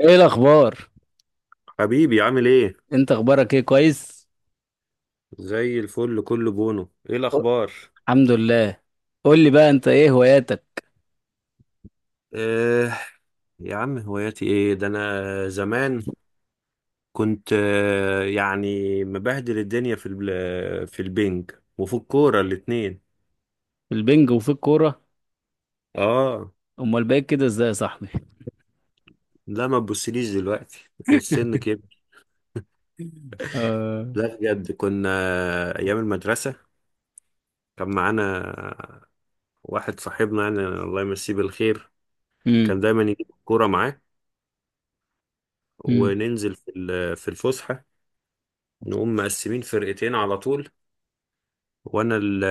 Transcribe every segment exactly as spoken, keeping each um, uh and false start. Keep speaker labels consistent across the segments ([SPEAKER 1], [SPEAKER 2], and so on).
[SPEAKER 1] ايه الاخبار؟
[SPEAKER 2] حبيبي، عامل ايه؟
[SPEAKER 1] انت اخبارك ايه، كويس؟
[SPEAKER 2] زي الفل، كله بونو. ايه
[SPEAKER 1] أه.
[SPEAKER 2] الاخبار؟
[SPEAKER 1] الحمد لله. قول لي بقى، انت ايه هواياتك؟
[SPEAKER 2] آه يا عم هواياتي ايه؟ ده انا زمان كنت آه يعني مبهدل الدنيا في ال- في البنج وفي الكوره الاتنين.
[SPEAKER 1] في البنج وفي الكوره؟
[SPEAKER 2] اه،
[SPEAKER 1] امال بقيت كده ازاي يا صاحبي؟
[SPEAKER 2] لا ما تبصليش دلوقتي، السن كبر.
[SPEAKER 1] آه.
[SPEAKER 2] لا بجد كنا ايام المدرسه كان معانا واحد صاحبنا، يعني الله يمسيه بالخير،
[SPEAKER 1] امم،
[SPEAKER 2] كان دايما يجيب الكوره معاه
[SPEAKER 1] امم.
[SPEAKER 2] وننزل في ال- في الفسحه، نقوم مقسمين فرقتين على طول. وانا ال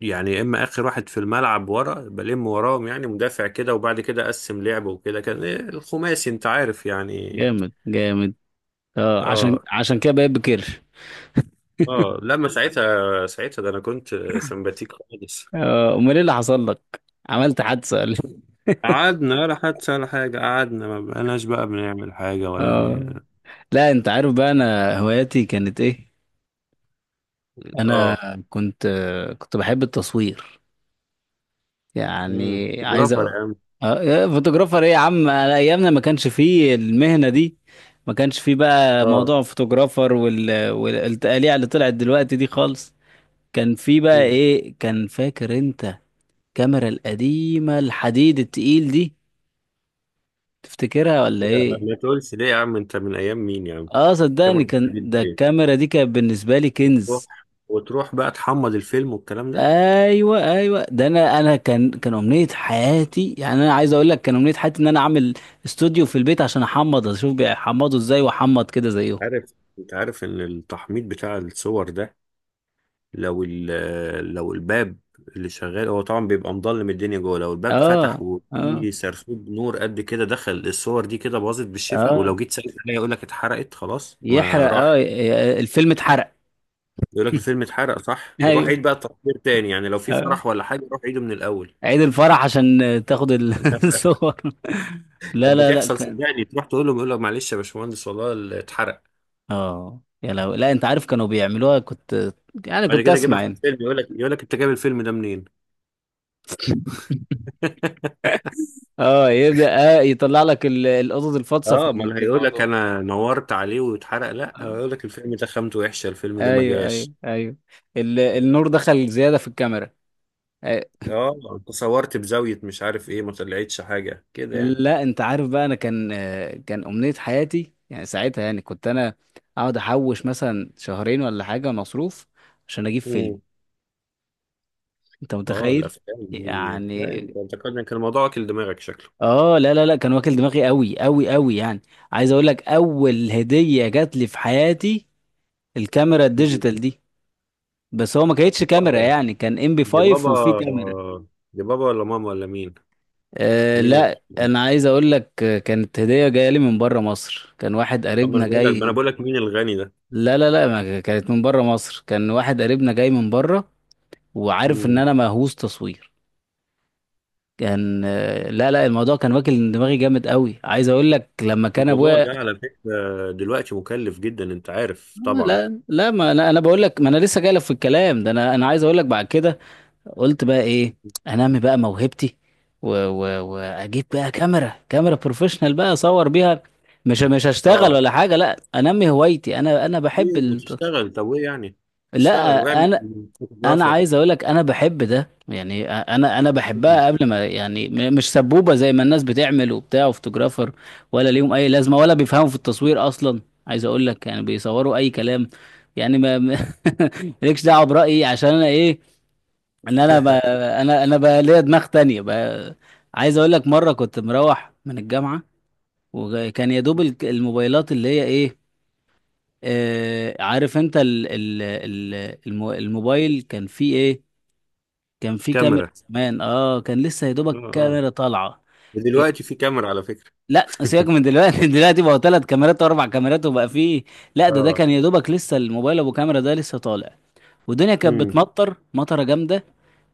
[SPEAKER 2] يعني يا اما اخر واحد في الملعب ورا بلم وراهم، يعني مدافع كده، وبعد كده اقسم لعب، وكده، كان إيه، الخماسي انت عارف يعني.
[SPEAKER 1] جامد جامد. اه، عشان
[SPEAKER 2] اه،
[SPEAKER 1] عشان كده بقيت بكير.
[SPEAKER 2] اه، لما ساعتها ساعتها ده انا كنت سمباتيك خالص.
[SPEAKER 1] اه. امال ايه اللي حصل لك، عملت حادثه ولا إيه؟
[SPEAKER 2] قعدنا ولا حتى ولا حاجة، قعدنا ما بقناش بقى بنعمل حاجة ولا بن.
[SPEAKER 1] آه، لا انت عارف بقى انا هواياتي كانت ايه. انا
[SPEAKER 2] اه،
[SPEAKER 1] كنت كنت بحب التصوير،
[SPEAKER 2] امم
[SPEAKER 1] يعني
[SPEAKER 2] كنت
[SPEAKER 1] عايز
[SPEAKER 2] برافر يا
[SPEAKER 1] أ...
[SPEAKER 2] عم.
[SPEAKER 1] آه، يا فوتوغرافر ايه يا عم، على ايامنا ما كانش فيه المهنه دي. ما كانش فيه بقى
[SPEAKER 2] اه.
[SPEAKER 1] موضوع الفوتوغرافر وال... والتقاليع اللي طلعت دلوقتي دي خالص. كان فيه بقى
[SPEAKER 2] مم.
[SPEAKER 1] ايه، كان فاكر انت الكاميرا القديمه الحديد التقيل دي؟ تفتكرها ولا
[SPEAKER 2] يا-
[SPEAKER 1] ايه؟
[SPEAKER 2] عم، ما تقولش ليه يا عم، انت من ايام مين يا عم؟
[SPEAKER 1] اه صدقني،
[SPEAKER 2] كاميرا
[SPEAKER 1] كان
[SPEAKER 2] بتعمل
[SPEAKER 1] ده،
[SPEAKER 2] ايه
[SPEAKER 1] الكاميرا دي كانت بالنسبه لي كنز.
[SPEAKER 2] وتروح وتروح بقى تحمض الفيلم والكلام ده؟
[SPEAKER 1] ايوه، ايوه، ده انا انا كان كان امنيه حياتي، يعني انا عايز اقول لك كان امنيه حياتي ان انا اعمل استوديو في البيت عشان احمض، اشوف بيحمضوا ازاي واحمض كده زيهم.
[SPEAKER 2] عارف انت عارف ان التحميض بتاع الصور ده، لو ال- لو الباب اللي شغال هو طبعا بيبقى مضلم الدنيا جوه، لو الباب فتح
[SPEAKER 1] اه، اه،
[SPEAKER 2] وفي سرسوب نور قد كده دخل، الصور دي كده باظت بالشفا.
[SPEAKER 1] اه،
[SPEAKER 2] ولو جيت سألت عليها يقول لك اتحرقت خلاص، ما
[SPEAKER 1] يحرق، اه،
[SPEAKER 2] راحت.
[SPEAKER 1] ي- الفيلم اتحرق.
[SPEAKER 2] يقول لك الفيلم اتحرق، صح، روح
[SPEAKER 1] ايوه.
[SPEAKER 2] عيد بقى التصوير تاني، يعني لو في
[SPEAKER 1] اه،
[SPEAKER 2] فرح ولا حاجه روح عيده من الاول.
[SPEAKER 1] عيد الفرح عشان تاخد ال- الصور. لا،
[SPEAKER 2] طب
[SPEAKER 1] لا، لا،
[SPEAKER 2] بتحصل،
[SPEAKER 1] كان...
[SPEAKER 2] صدقني، تروح تقول له، بيقول لك معلش يا باشمهندس والله اتحرق.
[SPEAKER 1] اه، يا لو، لا انت عارف كانوا بيعملوها، كنت يعني
[SPEAKER 2] بعد
[SPEAKER 1] كنت
[SPEAKER 2] كده جيبها
[SPEAKER 1] اسمع
[SPEAKER 2] في
[SPEAKER 1] يعني.
[SPEAKER 2] الفيلم، يقول لك يقول لك انت جايب الفيلم ده منين؟
[SPEAKER 1] اه يبدأ، اه يطلع لك ال- القطط الفاطسه في
[SPEAKER 2] اه، ما
[SPEAKER 1] ال-
[SPEAKER 2] اللي
[SPEAKER 1] في
[SPEAKER 2] هيقول لك
[SPEAKER 1] الموضوع.
[SPEAKER 2] انا نورت عليه واتحرق، لا
[SPEAKER 1] آه.
[SPEAKER 2] هيقول لك الفيلم ده خامته وحشه، الفيلم ده ما
[SPEAKER 1] ايوه، ايوه،
[SPEAKER 2] جاش.
[SPEAKER 1] ايوه، ال- النور دخل زياده في الكاميرا. آه،
[SPEAKER 2] اه، انت صورت بزاويه مش عارف ايه، ما طلعتش حاجه كده يعني.
[SPEAKER 1] لا انت عارف بقى، انا كان، آه، كان امنيه حياتي يعني، ساعتها يعني كنت انا اقعد احوش مثلا شهرين ولا حاجه مصروف عشان اجيب فيلم.
[SPEAKER 2] مم.
[SPEAKER 1] انت
[SPEAKER 2] اه،
[SPEAKER 1] متخيل
[SPEAKER 2] الافلام دي، لا
[SPEAKER 1] يعني؟
[SPEAKER 2] انت انت كان كان الموضوع واكل دماغك شكله.
[SPEAKER 1] اه، لا، لا، لا، كان واكل دماغي قوي قوي قوي، يعني عايز اقول لك، اول هديه جات لي في حياتي الكاميرا
[SPEAKER 2] مم.
[SPEAKER 1] الديجيتال دي. بس هو ما كانتش كاميرا
[SPEAKER 2] بقى-
[SPEAKER 1] يعني، كان ام بي
[SPEAKER 2] دي بابا
[SPEAKER 1] خمسة وفي كاميرا.
[SPEAKER 2] دي بابا ولا ماما ولا مين؟
[SPEAKER 1] أه
[SPEAKER 2] مين الغني
[SPEAKER 1] لا،
[SPEAKER 2] ده؟
[SPEAKER 1] انا عايز اقول لك، آه، كانت هديه جايه لي من بره مصر، كان واحد
[SPEAKER 2] اما انا
[SPEAKER 1] قريبنا
[SPEAKER 2] بقول لك ما انا
[SPEAKER 1] جاي.
[SPEAKER 2] بقول لك مين الغني ده.
[SPEAKER 1] لا، لا، لا، ما كانت من بره مصر، كان واحد قريبنا جاي من بره وعارف ان
[SPEAKER 2] مم.
[SPEAKER 1] انا مهووس تصوير. كان، آه، لا، لا، الموضوع كان واكل دماغي جامد قوي. عايز اقول لك لما كان
[SPEAKER 2] الموضوع
[SPEAKER 1] ابويا...
[SPEAKER 2] ده على فكره دلوقتي مكلف جدا، انت عارف
[SPEAKER 1] آه،
[SPEAKER 2] طبعا.
[SPEAKER 1] لا، لا، ما انا انا بقول لك، ما انا لسه جاي لك في الكلام ده. انا انا عايز اقول لك، بعد كده قلت بقى ايه، انمي بقى موهبتي، و... و... واجيب بقى كاميرا، كاميرا بروفيشنال بقى اصور بيها. مش مش هشتغل
[SPEAKER 2] اه،
[SPEAKER 1] ولا حاجه، لا انمي هوايتي، انا انا بحب
[SPEAKER 2] ليه
[SPEAKER 1] ال...
[SPEAKER 2] وتشتغل؟ طب ايه يعني؟ اشتغل
[SPEAKER 1] لا
[SPEAKER 2] واعمل
[SPEAKER 1] انا، انا
[SPEAKER 2] فوتوغرافر.
[SPEAKER 1] عايز اقول لك انا بحب ده، يعني انا انا بحبها قبل ما، يعني م- مش سبوبه زي ما الناس بتعمل وبتاع وفوتوغرافر ولا ليهم اي لازمه، ولا بيفهموا في التصوير اصلا. عايز اقول لك يعني بيصوروا اي كلام يعني ما ما- مالكش دعوه برايي، عشان انا ايه، ان انا ب... انا انا بقى ليا دماغ تانية بقى. عايز اقول لك مره كنت مروح من الجامعه، وكان يا دوب الك- الموبايلات اللي هي ايه، آه، عارف انت ال... ال... ال... المو- الموبايل كان فيه ايه، كان فيه
[SPEAKER 2] كاميرا،
[SPEAKER 1] كاميرا زمان. اه كان لسه يا
[SPEAKER 2] اه،
[SPEAKER 1] دوبك
[SPEAKER 2] اه،
[SPEAKER 1] كاميرا طالعه. إيه،
[SPEAKER 2] ودلوقتي في كاميرا على فكرة.
[SPEAKER 1] لا سيبك من دلوقتي، دلوقتي بقى ثلاث كاميرات واربع كاميرات وبقى فيه. لا ده ده
[SPEAKER 2] اه.
[SPEAKER 1] كان يا دوبك لسه الموبايل ابو كاميرا ده لسه طالع. والدنيا كانت
[SPEAKER 2] امم.
[SPEAKER 1] بتمطر مطره جامده،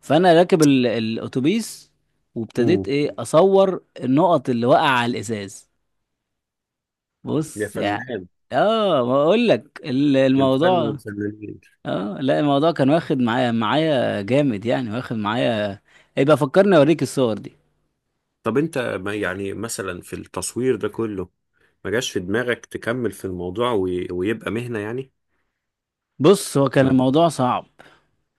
[SPEAKER 1] فانا راكب ال- الاتوبيس، وابتديت
[SPEAKER 2] امم.
[SPEAKER 1] ايه اصور النقط اللي وقع على الازاز.
[SPEAKER 2] يا
[SPEAKER 1] بص يعني.
[SPEAKER 2] فنان،
[SPEAKER 1] اه ما اقول لك ال-
[SPEAKER 2] بالفن
[SPEAKER 1] الموضوع،
[SPEAKER 2] والفنانين.
[SPEAKER 1] اه لا الموضوع كان واخد معايا معايا جامد يعني واخد معايا. يبقى فكرني اوريك الصور دي.
[SPEAKER 2] طب انت ما يعني مثلا في التصوير ده كله ما جاش في دماغك تكمل في الموضوع وي... ويبقى مهنة يعني؟
[SPEAKER 1] بص، هو كان
[SPEAKER 2] ما
[SPEAKER 1] الموضوع صعب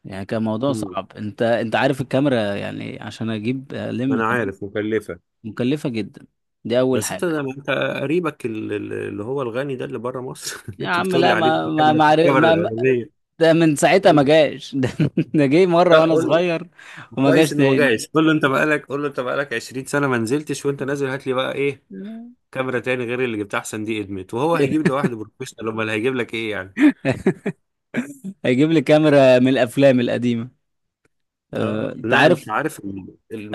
[SPEAKER 1] يعني، كان موضوع
[SPEAKER 2] مم.
[SPEAKER 1] صعب، انت انت عارف الكاميرا يعني، عشان اجيب الم
[SPEAKER 2] انا
[SPEAKER 1] تمام.
[SPEAKER 2] عارف مكلفة.
[SPEAKER 1] مكلفة جدا، دي اول
[SPEAKER 2] بس انت
[SPEAKER 1] حاجة.
[SPEAKER 2] ده، ما انت قريبك ال- ال- اللي هو الغني ده اللي بره مصر، اللي
[SPEAKER 1] يا
[SPEAKER 2] انت
[SPEAKER 1] عم
[SPEAKER 2] بتقول لي
[SPEAKER 1] لا،
[SPEAKER 2] عليه ده،
[SPEAKER 1] ما ما
[SPEAKER 2] الكاميرا
[SPEAKER 1] ما, عارف-
[SPEAKER 2] الكاميرا
[SPEAKER 1] ما
[SPEAKER 2] الاولانية.
[SPEAKER 1] ده من ساعتها ما
[SPEAKER 2] قول-
[SPEAKER 1] جاش. ده، ده جه
[SPEAKER 2] لا
[SPEAKER 1] مرة وانا
[SPEAKER 2] قول،
[SPEAKER 1] صغير وما
[SPEAKER 2] كويس
[SPEAKER 1] جاش
[SPEAKER 2] انه ما
[SPEAKER 1] تاني.
[SPEAKER 2] جاش. قول له انت بقالك، قول له انت بقالك عشرين سنة سنه ما نزلتش، وانت نازل هات لي بقى ايه، كاميرا تاني غير اللي جبتها، احسن دي ادمت. وهو هيجيب لوحده بروفيشنال؟ امال هيجيب لك ايه يعني؟
[SPEAKER 1] هيجيب لي كاميرا من الافلام القديمه. آه،
[SPEAKER 2] اه،
[SPEAKER 1] انت
[SPEAKER 2] لا انت
[SPEAKER 1] عارف.
[SPEAKER 2] عارف،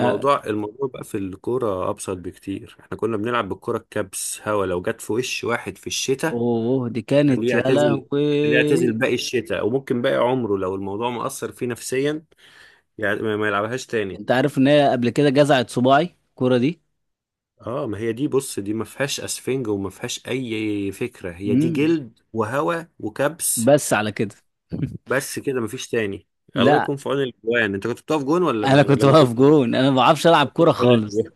[SPEAKER 1] آه،
[SPEAKER 2] الموضوع بقى في الكوره ابسط بكتير. احنا كنا بنلعب بالكوره الكبس، هوا، لو جت في وش واحد في الشتاء
[SPEAKER 1] اوه دي
[SPEAKER 2] كان
[SPEAKER 1] كانت يا
[SPEAKER 2] يعتزل،
[SPEAKER 1] لهوي.
[SPEAKER 2] اللي يعتزل باقي الشتاء، وممكن باقي عمره لو الموضوع مأثر فيه نفسيا، يعني ما ما يلعبهاش تاني.
[SPEAKER 1] انت عارف ان هي قبل كده جزعت صباعي الكوره دي.
[SPEAKER 2] اه، ما هي دي، بص، دي ما فيهاش اسفنج وما فيهاش اي فكره، هي دي
[SPEAKER 1] مم.
[SPEAKER 2] جلد وهوا وكبس.
[SPEAKER 1] بس على كده.
[SPEAKER 2] بس كده، ما فيش تاني. الله
[SPEAKER 1] لا
[SPEAKER 2] يكون في عون الاجوان. انت كنت بتقف جون ولا
[SPEAKER 1] انا
[SPEAKER 2] ما
[SPEAKER 1] كنت
[SPEAKER 2] ولا ما
[SPEAKER 1] واقف
[SPEAKER 2] كنتش؟
[SPEAKER 1] جون، انا ما بعرفش العب
[SPEAKER 2] بتقف
[SPEAKER 1] كوره
[SPEAKER 2] في عون
[SPEAKER 1] خالص.
[SPEAKER 2] الاجوان.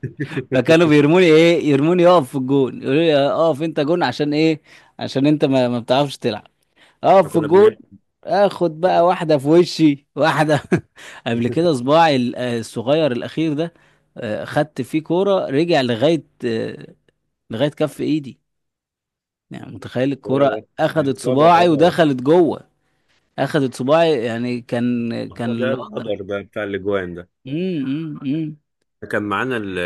[SPEAKER 1] فكانوا بيرموني، ايه، يرموني اقف في الجون يقولوا لي آه، اقف انت جون، عشان ايه، عشان انت ما, ما بتعرفش تلعب،
[SPEAKER 2] احنا
[SPEAKER 1] اقف في
[SPEAKER 2] كنا
[SPEAKER 1] الجول.
[SPEAKER 2] بنعمل
[SPEAKER 1] اخد
[SPEAKER 2] كنا-
[SPEAKER 1] بقى واحده في وشي واحده. قبل كده صباعي ال- آه، الصغير الاخير ده، آه، خدت فيه كوره، رجع لغايه، آه، لغايه كف ايدي، يعني متخيل الكوره،
[SPEAKER 2] ياه، دي
[SPEAKER 1] اخدت
[SPEAKER 2] الاصابه،
[SPEAKER 1] صباعي
[SPEAKER 2] اه.
[SPEAKER 1] ودخلت جوه. اخدت صباعي يعني كان كان
[SPEAKER 2] هو ده
[SPEAKER 1] الوضع...
[SPEAKER 2] القدر بقى بتاع الاجوان ده.
[SPEAKER 1] امم، امم، أمم.
[SPEAKER 2] كان معانا ال-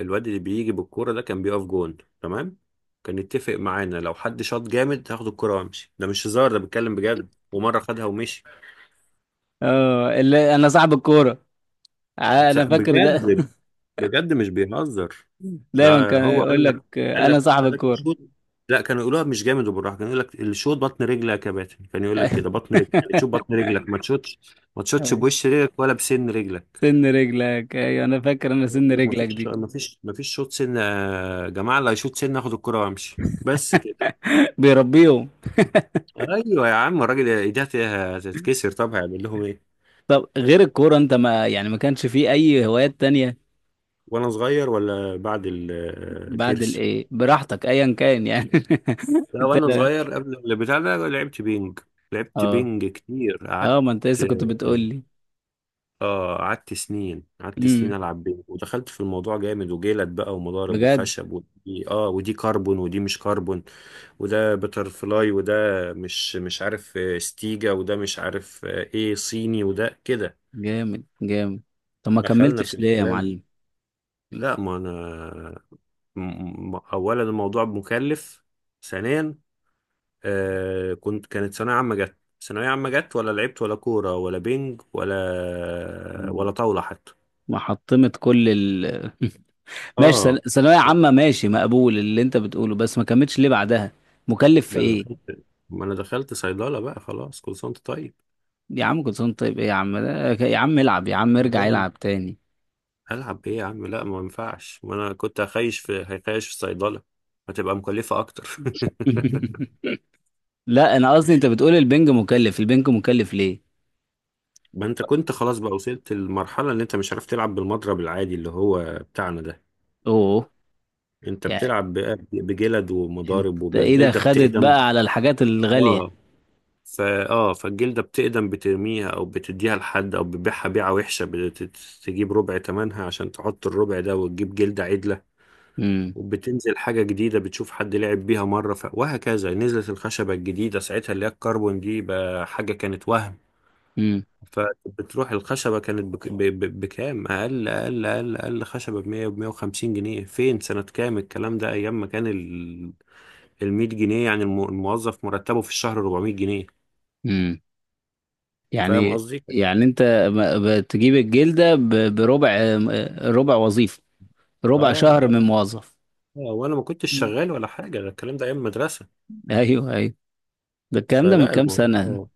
[SPEAKER 2] الواد اللي بيجي بالكوره ده، كان بيقف جون تمام. كان يتفق معانا، لو حد شاط جامد هاخد الكوره وامشي، ده مش هزار، ده بيتكلم بجد، ومره خدها ومشي.
[SPEAKER 1] اه اللي انا صاحب الكوره. ع-، انا فاكر ده.
[SPEAKER 2] بجد، بجد مش بيهزر.
[SPEAKER 1] دايما
[SPEAKER 2] ده
[SPEAKER 1] كان
[SPEAKER 2] هو
[SPEAKER 1] يقول
[SPEAKER 2] قال لك
[SPEAKER 1] لك آه،
[SPEAKER 2] قال
[SPEAKER 1] انا
[SPEAKER 2] لك
[SPEAKER 1] صاحب
[SPEAKER 2] قال لك
[SPEAKER 1] الكوره.
[SPEAKER 2] شوط. لا كانوا يقولوها مش جامد وبالراحه، كانوا يقول لك الشوط بطن رجلك يا كباتن، كان يقول لك كده بطن رجلك، يعني تشوف بطن رجلك، ما تشوتش، ما تشوتش
[SPEAKER 1] أيوة.
[SPEAKER 2] بوش رجلك ولا بسن رجلك.
[SPEAKER 1] سن رجلك، ايوه انا فاكر، انا
[SPEAKER 2] يقول
[SPEAKER 1] سن
[SPEAKER 2] لك ما
[SPEAKER 1] رجلك
[SPEAKER 2] فيش
[SPEAKER 1] دي.
[SPEAKER 2] ما فيش ما فيش شوط سن يا جماعه، اللي هيشوط سن اخد الكره وامشي، بس كده.
[SPEAKER 1] بيربيهم.
[SPEAKER 2] ايوه يا عم، الراجل ايديها هتتكسر، طب هيعمل لهم ايه؟
[SPEAKER 1] طب غير الكورة انت ما يعني، ما كانش فيه اي هوايات تانية؟
[SPEAKER 2] وانا صغير ولا بعد
[SPEAKER 1] بعد
[SPEAKER 2] الكرش؟
[SPEAKER 1] الايه، براحتك ايا كان يعني.
[SPEAKER 2] لا
[SPEAKER 1] انت
[SPEAKER 2] وانا
[SPEAKER 1] لا.
[SPEAKER 2] صغير قبل البتاع ده لعبت بينج لعبت
[SPEAKER 1] اه،
[SPEAKER 2] بينج كتير، قعدت.
[SPEAKER 1] اه، ما انت لسه كنت بتقول لي.
[SPEAKER 2] اه، قعدت سنين، قعدت سنين
[SPEAKER 1] امم.
[SPEAKER 2] العب بينج، ودخلت في الموضوع جامد، وجلد بقى ومضارب
[SPEAKER 1] بجد.
[SPEAKER 2] وخشب، ودي اه ودي كربون ودي مش كربون، وده بتر فلاي، وده مش مش عارف آه، ستيجا، وده مش عارف آه، ايه صيني، وده كده.
[SPEAKER 1] جامد جامد. طب ما
[SPEAKER 2] دخلنا في
[SPEAKER 1] كملتش ليه يا
[SPEAKER 2] الكلام.
[SPEAKER 1] معلم؟
[SPEAKER 2] لا ما انا م- م- اولا الموضوع مكلف، ثانيا آه كنت كانت ثانوية عامة جت، ثانوية عامة جت ولا لعبت ولا كورة ولا بينج ولا ولا
[SPEAKER 1] مم.
[SPEAKER 2] طاولة حتى.
[SPEAKER 1] ما حطمت كل ال... ماشي،
[SPEAKER 2] اه،
[SPEAKER 1] ثانوية سل... ثانوية عامة ماشي، مقبول اللي انت بتقوله، بس ما كملتش ليه بعدها؟ مكلف في
[SPEAKER 2] بقى انا
[SPEAKER 1] ايه؟
[SPEAKER 2] دخلت، ما انا دخلت صيدلة بقى خلاص، كل سنة وانت طيب
[SPEAKER 1] يا عم كنت طيب ايه، يا عم ده- يا عم العب يا عم، ارجع
[SPEAKER 2] يعني.
[SPEAKER 1] العب تاني.
[SPEAKER 2] هلعب ايه يا عم؟ لا ما ينفعش، ما انا كنت هخيش في هيخيش في الصيدلة، هتبقى مكلفة اكتر.
[SPEAKER 1] لا انا قصدي، انت بتقول البنج مكلف، البنج مكلف ليه؟
[SPEAKER 2] ما انت كنت خلاص بقى، وصلت المرحلة اللي انت مش عارف تلعب بالمضرب العادي اللي هو بتاعنا ده.
[SPEAKER 1] اوه.
[SPEAKER 2] انت
[SPEAKER 1] يعني
[SPEAKER 2] بتلعب بقى بجلد
[SPEAKER 1] انت
[SPEAKER 2] ومضارب،
[SPEAKER 1] ايه ده،
[SPEAKER 2] والجلدة
[SPEAKER 1] خدت
[SPEAKER 2] بتقدم.
[SPEAKER 1] بقى على الحاجات الغالية.
[SPEAKER 2] اه، فا اه فالجلدة بتقدم، بترميها أو بتديها لحد أو بتبيعها بيعة وحشة، بتجيب ربع تمنها عشان تحط الربع ده وتجيب جلدة عدلة.
[SPEAKER 1] امم،
[SPEAKER 2] وبتنزل حاجة جديدة، بتشوف حد لعب بيها مرة ف... وهكذا. نزلت الخشبة الجديدة ساعتها اللي هي الكربون دي، بقى حاجة كانت وهم.
[SPEAKER 1] امم،
[SPEAKER 2] فبتروح الخشبة كانت بك... ب... ب... بكام، أقل أقل أقل أقل، خشبة بمية بمية وخمسين جنيه. فين سنة كام الكلام ده؟ أيام ما كان ال... المية جنيه يعني، الم- الموظف مرتبه في الشهر أربعمية جنيه.
[SPEAKER 1] امم.
[SPEAKER 2] فاهم
[SPEAKER 1] يعني،
[SPEAKER 2] قصدي؟
[SPEAKER 1] يعني انت ب- بتجيب الجلدة ب- بربع، ربع وظيفة، ربع
[SPEAKER 2] اه.
[SPEAKER 1] شهر
[SPEAKER 2] آه.
[SPEAKER 1] من موظف.
[SPEAKER 2] آه، وانا ما كنتش
[SPEAKER 1] مم.
[SPEAKER 2] شغال ولا حاجه، ده الكلام ده ايام المدرسه.
[SPEAKER 1] ايوه، ايوه. ده الكلام ده من
[SPEAKER 2] فلا
[SPEAKER 1] كام سنة؟
[SPEAKER 2] الموضوع،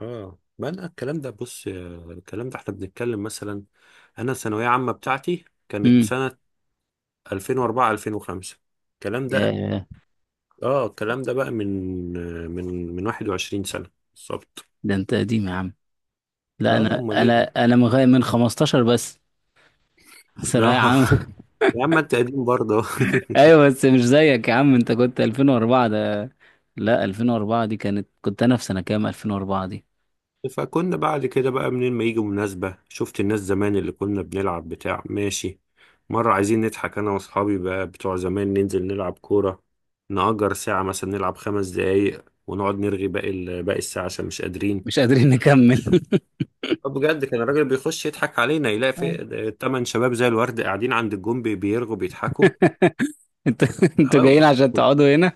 [SPEAKER 2] اه، ما انا الكلام ده، بص، آه، الكلام ده احنا بنتكلم مثلا، انا الثانويه عامه بتاعتي كانت
[SPEAKER 1] امم.
[SPEAKER 2] سنه ألفين وأربعة ألفين وخمسة، الكلام ده.
[SPEAKER 1] يا،
[SPEAKER 2] اه، الكلام ده بقى من، آه، من من واحد وعشرين سنة سنه بالظبط.
[SPEAKER 1] ده انت قديم يا عم. لا
[SPEAKER 2] اه،
[SPEAKER 1] انا
[SPEAKER 2] امال
[SPEAKER 1] انا
[SPEAKER 2] ايه؟
[SPEAKER 1] انا من غاية- من خمستاشر بس،
[SPEAKER 2] لا.
[SPEAKER 1] ثانوية عامة.
[SPEAKER 2] يا عم انت قديم برضه.
[SPEAKER 1] ايوه بس مش زيك يا عم، انت كنت ألفين واربعه ده. لا ألفين واربعه، دي كانت، كنت انا في سنة كام ألفين واربعه دي؟
[SPEAKER 2] فكنا بعد كده بقى، منين ما يجي مناسبة، شفت الناس زمان اللي كنا بنلعب بتاع، ماشي، مرة عايزين نضحك أنا وأصحابي بقى بتوع زمان، ننزل نلعب كورة، نأجر ساعة مثلا، نلعب خمس دقايق ونقعد نرغي باقي ال- باقي الساعة، عشان مش قادرين.
[SPEAKER 1] مش قادرين نكمل.
[SPEAKER 2] طب بجد، كان الراجل بيخش يضحك علينا، يلاقي
[SPEAKER 1] أيوة.
[SPEAKER 2] في تمن شباب زي الورد قاعدين عند الجون، بي- بيرغوا بيضحكوا.
[SPEAKER 1] انتوا انتوا جايين
[SPEAKER 2] أيوة،
[SPEAKER 1] عشان تقعدوا هنا؟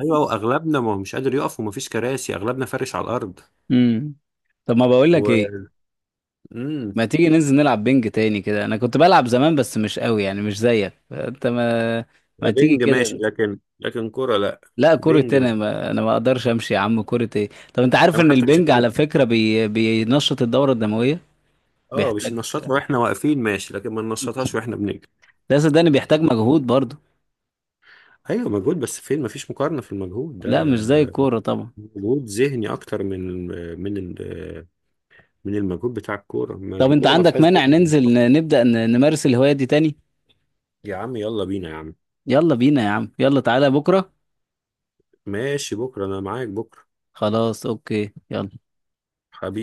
[SPEAKER 2] أيوة، وأغلبنا ما هو مش قادر يقف، ومفيش كراسي، أغلبنا فارش على الأرض.
[SPEAKER 1] امم. طب ما بقول لك
[SPEAKER 2] و...
[SPEAKER 1] ايه،
[SPEAKER 2] مم.
[SPEAKER 1] ما تيجي ننزل نلعب بينج تاني كده، انا كنت بلعب زمان بس مش قوي يعني مش زيك انت، ما ما تيجي
[SPEAKER 2] بينج ماشي،
[SPEAKER 1] كده.
[SPEAKER 2] لكن لكن كورة لأ.
[SPEAKER 1] لا كرة
[SPEAKER 2] بينج،
[SPEAKER 1] انا ما... انا ما اقدرش امشي يا عم، كرة ايه، طب انت عارف
[SPEAKER 2] انا
[SPEAKER 1] ان
[SPEAKER 2] حتى مش
[SPEAKER 1] البنج
[SPEAKER 2] قادر.
[SPEAKER 1] على فكرة بي... بينشط الدورة الدموية،
[SPEAKER 2] اه، مش
[SPEAKER 1] بيحتاج،
[SPEAKER 2] ننشطها واحنا واقفين، ماشي، لكن ما ننشطهاش واحنا بنجري.
[SPEAKER 1] لا صدقني بيحتاج مجهود برضه.
[SPEAKER 2] ايوه مجهود، بس فين، ما فيش مقارنه في المجهود ده.
[SPEAKER 1] لا مش زي الكورة طبعا.
[SPEAKER 2] مجهود ذهني اكتر من، من ال- من المجهود بتاع الكوره، ما
[SPEAKER 1] طب انت
[SPEAKER 2] الكوره ما
[SPEAKER 1] عندك
[SPEAKER 2] فيهاش
[SPEAKER 1] مانع
[SPEAKER 2] ذهن.
[SPEAKER 1] ننزل ن- نبدأ ن- نمارس الهواية دي تاني؟
[SPEAKER 2] يا عم يلا بينا يا عم.
[SPEAKER 1] يلا بينا يا عم، يلا تعالى بكرة.
[SPEAKER 2] ماشي بكره، انا معاك بكره.
[SPEAKER 1] خلاص اوكي، يلا.
[SPEAKER 2] حبيبي.